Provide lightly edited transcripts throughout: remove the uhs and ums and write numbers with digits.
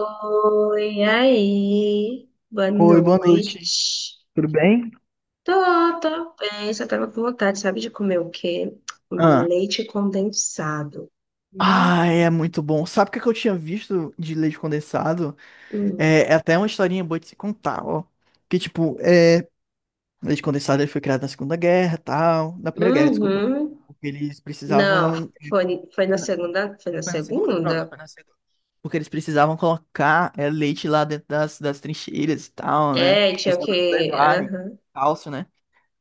Oi, aí, boa Oi, boa noite. noite. Tudo bem? Tô, tô bem, só tava com vontade, sabe, de comer o quê? Um Ah. leite condensado. Ah, Hum, é muito bom. Sabe o que é que eu tinha visto de leite condensado? hum. É até uma historinha boa de se contar, ó. Que, tipo, é, leite condensado ele foi criado na Segunda Guerra, tal. Na Primeira Guerra, desculpa. Uhum. Porque eles Não, precisavam... foi na Foi na, segunda, foi na foi na Segunda? Pronto, segunda? foi na Segunda. Porque eles precisavam colocar é, leite lá dentro das trincheiras e tal, né? É, Para tinha os o soldados quê? levarem. Aham. Cálcio, né?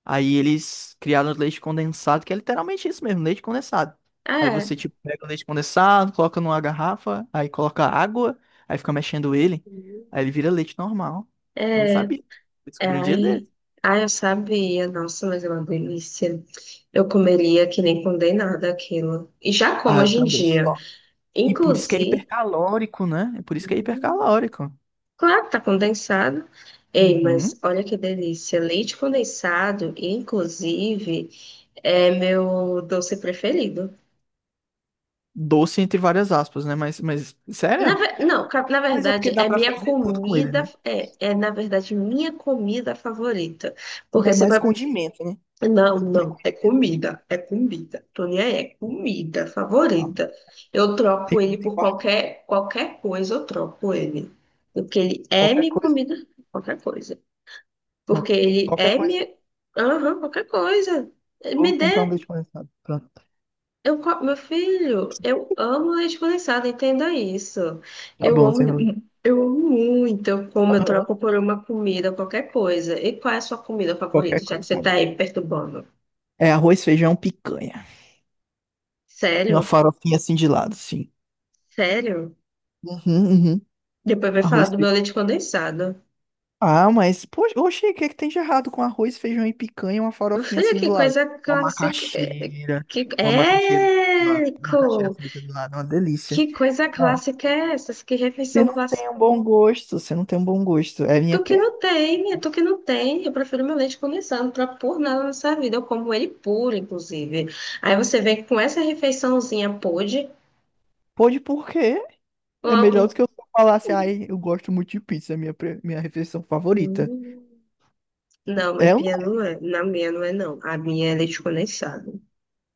Aí eles criaram leite condensado, que é literalmente isso mesmo, leite condensado. Aí você, É, tipo, pega o leite condensado, coloca numa garrafa, aí coloca água, aí fica mexendo ele, uhum. aí ele vira leite normal. Eu não é, sabia. Eu é, descobri um dia ai, desse. Ai, eu sabia, nossa, mas é uma delícia. Eu comeria que nem condenada aquilo. E já como Ah, eu hoje em também. dia. Só. E por isso que é Inclusive, hipercalórico, né? É por isso que é hipercalórico. claro que tá condensado. Ei, mas Uhum. olha que delícia. Leite condensado, inclusive, é meu doce preferido. Doce entre várias aspas, né? Mas, Na, sério? ve- não, ca- na Mas é porque verdade, dá é pra minha fazer tudo com ele, comida. né? Na verdade, minha comida favorita. Não Porque é você mais vai. condimento, né? Não, Não é não. É condimento, né? comida. É comida. Tony é comida Tá bom. favorita. Eu troco Tem ele muito em por quarto. qualquer coisa, eu troco ele. Porque ele é Qualquer minha coisa. comida, qualquer coisa. Uma... Porque ele qualquer é coisa, minha. Aham, qualquer coisa. vou Me dê. comprar um leite condensado. Pronto, Meu filho, eu amo leite condensado, entenda isso. tá Eu bom, amo, sem problema. eu amo muito. Eu como, eu Aham, troco por uma comida, qualquer coisa. E qual é a sua comida qualquer favorita, já que coisa, você tá tá bom. aí me perturbando? É arroz, feijão, picanha. E uma Sério? farofinha assim de lado, sim. Sério? Uhum, uhum. Depois vai falar Arroz, do meu feijão. leite condensado. Ah, mas, poxa, oxe, o que é que tem de errado com arroz, feijão e picanha e uma Meu farofinha filho, assim que do lado? coisa Uma clássica. Macaxeira, Que, uma macaxeira do lado, é, uma macaxeira Co frita do lado, uma delícia. que coisa Ah, clássica é essa? Que você refeição. não tem um bom gosto, você não tem um bom gosto. É minha Tu que pena. não tem, tu que não tem. Eu prefiro meu leite condensado, não troco por nada nessa vida. Eu como ele puro, inclusive. Aí você vê que com essa refeiçãozinha pôde. Pode por quê? É Um, melhor do que eu só falasse, um- ai, eu gosto muito de pizza, é minha, pre- minha refeição favorita. Hum, Não, mas É uma. minha não é. Na minha não é, não. A minha é leite condensado.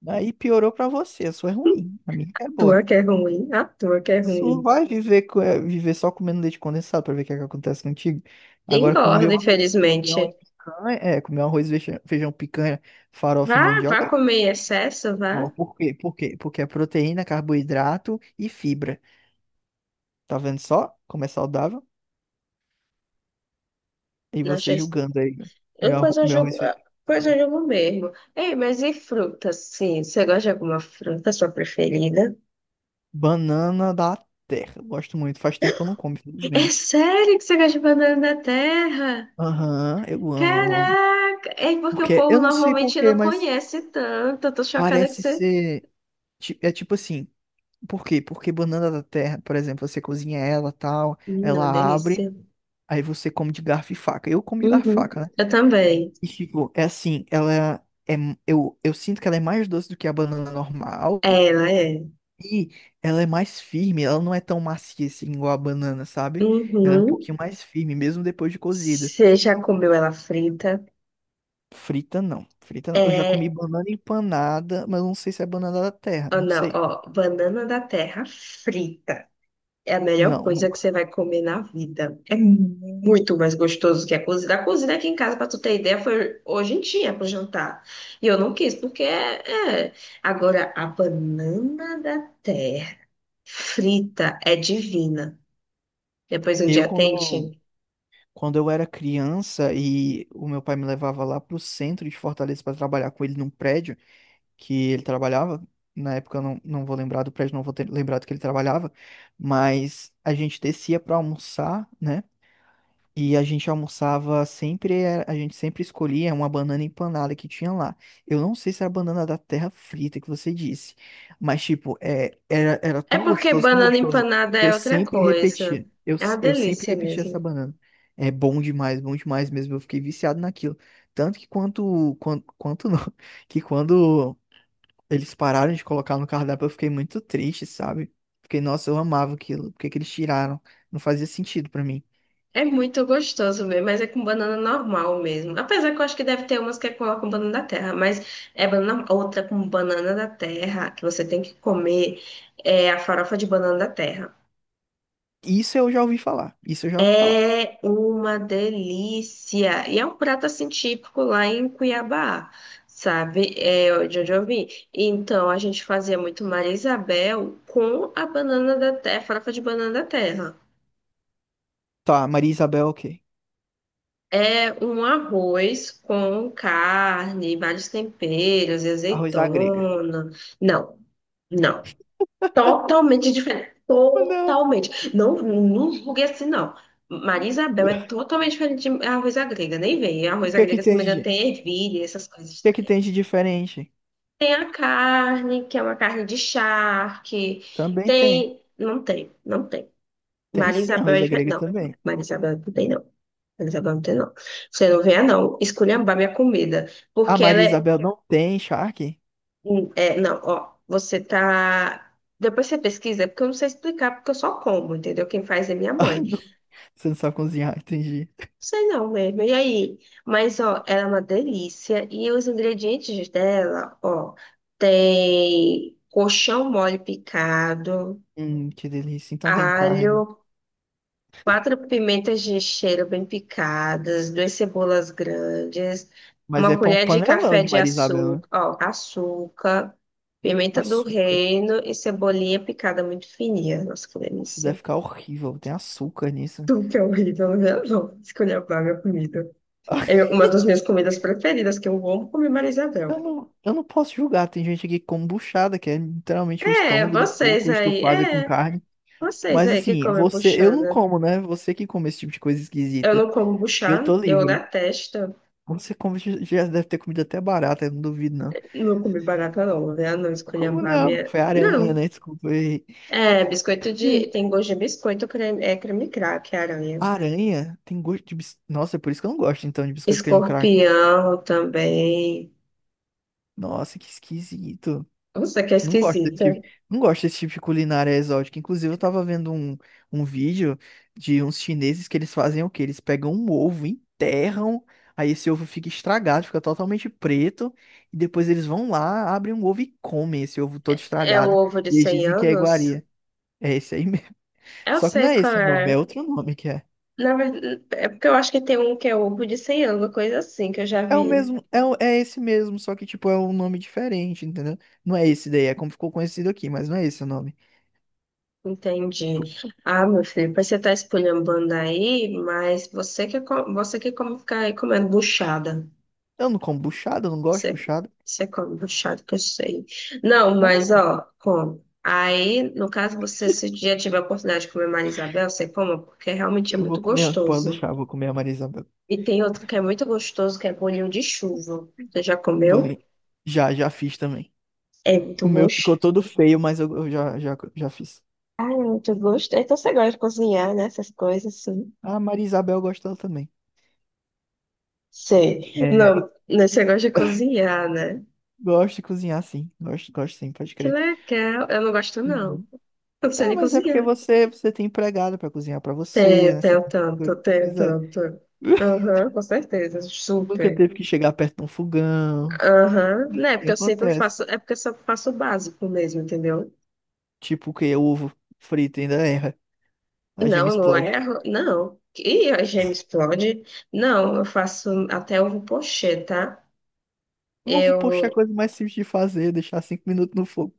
Aí piorou pra você, a sua é ruim, a minha é Tua boa. que é ruim, a tua que é ruim. Sua vai viver, co- viver só comendo leite condensado pra ver o que é que acontece contigo. Agora comer Engorda, um arroz, feijão e infelizmente. picanha, é, comer um arroz, feijão, feijão, picanha, farofa e Vá, vá mandioca. comer em excesso, Ó, vá. por quê? Por quê? Porque é proteína, carboidrato e fibra. Tá vendo só como é saudável? E Não você achei... julgando aí, né? Eu Meu, depois arro- eu meu jogo, arroz feijão. depois eu jogo mesmo. Ei, mas e fruta, sim? Você gosta de alguma fruta, sua preferida? Banana da terra. Gosto muito. Faz tempo que eu não como, É infelizmente. sério que você gosta de banana da terra? Aham, eu amo, eu amo. Caraca! É porque o Porque, povo eu não sei por normalmente quê, não mas conhece tanto. Eu tô chocada que parece você. ser. Ti- é tipo assim. Por quê? Porque banana da terra, por exemplo, você cozinha ela tal, É uma ela abre, delícia. aí você come de garfo e faca. Eu como de garfo e Uhum. faca, né? Eu também. E tipo, é assim, ela é. Eu sinto que ela é mais doce do que a banana normal. É, ela é. E ela é mais firme, ela não é tão macia assim igual a banana, sabe? Ela é um pouquinho Uhum. mais firme, mesmo depois de cozida. Você já comeu ela frita? Frita não, frita não. Eu já comi É. banana empanada, mas não sei se é banana da terra, Oh, não não, sei. ó. Banana da terra frita. É a melhor Não, coisa que nunca. você vai comer na vida. É muito mais gostoso que a cozida. A cozida aqui em casa, pra tu ter ideia, foi hoje em dia pro jantar. E eu não quis, porque é. Agora, a banana da terra frita é divina. Depois um Eu dia quando, tente. quando eu era criança e o meu pai me levava lá pro centro de Fortaleza para trabalhar com ele num prédio que ele trabalhava, na época eu não vou lembrar do prédio, não vou ter lembrado que ele trabalhava, mas a gente descia para almoçar, né? E a gente almoçava sempre, a gente sempre escolhia uma banana empanada que tinha lá. Eu não sei se era a banana da terra frita que você disse, mas tipo, é, era É tão porque gostoso, tão banana gostoso. empanada é Eu outra sempre coisa. repetia, eu, É uma s- eu sempre delícia repetia essa mesmo. banana. É bom demais mesmo. Eu fiquei viciado naquilo. Tanto que quanto não, que quando eles pararam de colocar no cardápio, eu fiquei muito triste, sabe? Fiquei, nossa, eu amava aquilo. Por que que eles tiraram? Não fazia sentido pra mim. É muito gostoso mesmo, mas é com banana normal mesmo. Apesar que eu acho que deve ter umas que é com banana da terra, mas é banana, outra com banana da terra, que você tem que comer, é a farofa de banana da terra. Isso eu já ouvi falar. Isso eu já ouvi falar. É uma delícia! E é um prato assim típico lá em Cuiabá, sabe? É de onde eu vim. Então a gente fazia muito Maria Isabel com a banana da terra, farofa de banana da terra. Tá, Maria Isabel, ok. É um arroz com carne, vários temperos, Arroz à grega. azeitona. Não, não. Totalmente diferente. Ah, não. Totalmente. Não, não julgue assim, não. Maria Isabel é totalmente diferente de arroz à grega. Nem vem. Arroz à grega, se não me engano, O tem ervilha, essas coisas. que é que tem de diferente? Tem a carne, que é uma carne de charque. Também tem. Tem. Não tem, não tem. Tem Maria sim, Isabel arroz é à diferente. grega Não, também. Maria Isabel não tem, não. Eles agora não tem, não. Você não venha, não, esculhambar minha comida. A Porque ela Maria é, Isabel não tem charque? Não, ó, você tá. Depois você pesquisa, porque eu não sei explicar, porque eu só como, entendeu? Quem faz é minha Ah, mãe. Não não. Você não sabe cozinhar, entendi. sei não mesmo. E aí? Mas, ó, ela é uma delícia. E os ingredientes dela, ó, tem colchão mole picado, Que delícia. Então tem carne. alho. Quatro pimentas de cheiro bem picadas, duas cebolas grandes, Mas é uma pão colher de panelão café de de Maria Isabel, né? açúcar, ó, açúcar, pimenta do Açúcar. reino e cebolinha picada muito fininha. Nossa, que Nossa, deve delícia. ficar horrível. Tem açúcar nisso. Tudo que é horrível, né? Não, esculhambar minha comida. É uma das minhas comidas preferidas, que eu amo comer Maria Isabel. Eu não posso julgar. Tem gente aqui com buchada, que é literalmente o estômago do porco estufado com É, carne. vocês Mas aí que assim, comem você, eu não buchana. como, né? Você que come esse tipo de coisa Eu esquisita. não como Eu tô buchana, eu livre. detesto. Você come, já já deve ter comido até barata, eu não duvido, não. Não comi barata, não, né? Não Como esculhambar a não? minha. Foi aranha, Não. né? Desculpa aí. É, biscoito de. É, Tem gosto de biscoito, creme... é creme crack, é aranha. aranha tem gosto de bis... Nossa, é por isso que eu não gosto, então, de biscoito creme crack. Escorpião também. Nossa, que esquisito. Nossa, que Não gosto desse esquisita. tipo, não gosto desse tipo de culinária exótica. Inclusive, eu tava vendo um vídeo de uns chineses que eles fazem o quê? Eles pegam um ovo, enterram, aí esse ovo fica estragado, fica totalmente preto, e depois eles vão lá, abrem um ovo e comem esse ovo todo É o estragado. ovo de E eles cem dizem que é anos? iguaria. É esse aí mesmo. Eu Só que não sei é qual esse o nome, é é. outro nome que é. Na verdade, é porque eu acho que tem um que é ovo de 100 anos, coisa assim, que eu já É o vi. mesmo, é, o- é esse mesmo, só que tipo é um nome diferente, entendeu? Não é esse daí, é como ficou conhecido aqui, mas não é esse o nome. Entendi. Ah, meu filho, pois você tá esculhambando aí, mas você que come, ficar aí comendo buchada. Eu não como buchada, eu não gosto de Você, buchada. você come puxado que eu sei. Não, Como mas não? ó, come. Aí, no caso, você, se um dia tiver a oportunidade de comer Maria Isabel, você coma, porque realmente é Eu vou muito comer, pode gostoso. deixar, eu vou comer a marisamba. E tem outro que é muito gostoso, que é bolinho de chuva. Você já comeu? Bolinho. Já, já fiz também. É muito O meu ficou gostoso. todo feio, mas eu já fiz. Ah, é muito gosto. Então você gosta de cozinhar, né? Essas coisas assim. A Maria Isabel gostou também. Sei. É, Não, né, você gosta de cozinhar, né? gosto de cozinhar, sim. Gosto, gosto sim, pode Que crer. legal. Eu não gosto, não. Uhum. Eu não sei Tá, nem mas é porque cozinhar. você, você tem empregada pra cozinhar pra você, tem né? Você tem tem... tanto, tem pois é. tanto. Aham, com certeza, Nunca super. teve que chegar perto de um fogão. Aham, né, E porque eu sempre acontece. faço, é porque eu só faço o básico mesmo, entendeu? Tipo que o ovo frito ainda erra. A gema Não, eu não explode. erro, não. E a gema explode? Não, eu faço até ovo pochê, tá? O ovo, Eu, poxa, é a coisa mais simples de fazer, deixar 5 minutos no fogo.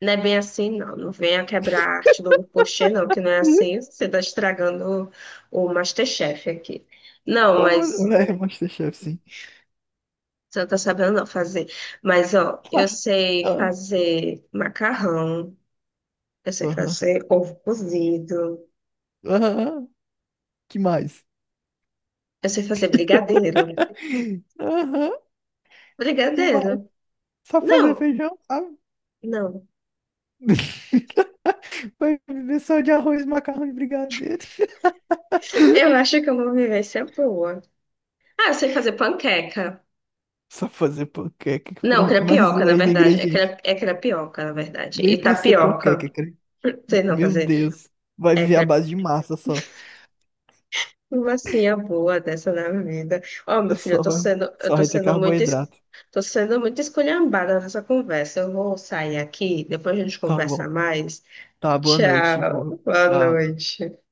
não é bem assim, não. Não venha quebrar a arte do ovo pochê, não, que não é assim, você tá estragando o MasterChef aqui. Não, Como, mas né? MasterChef, sim. você não tá sabendo não fazer. Mas, ó, eu Ah, sei ah, fazer macarrão, eu sei aham. fazer ovo cozido, Aham. Que mais? eu sei fazer brigadeiro. Aham. Que mais? Brigadeiro? Só fazer Não, feijão, sabe? não. Vai viver só de arroz, macarrão e brigadeiro. Eu acho que é uma vivência boa. Ah, eu sei fazer panqueca. Só fazer panqueca. Não, Pronto, mais crepioca, um na aí no verdade. É, ingrediente. cre... é crepioca, na verdade. Nem E pra ser panqueca, tapioca. cara. Não sei não Meu fazer. Deus. Vai É viver à base de massa só. uma sim, boa dessa na vida. Ó, meu filho, eu Só tô vai ter sendo muito, es- carboidrato. tô sendo muito esculhambada nessa conversa. Eu vou sair aqui, depois a gente Tá conversa bom. mais. Tá, boa noite. Tchau, Boa, boa tchau. noite.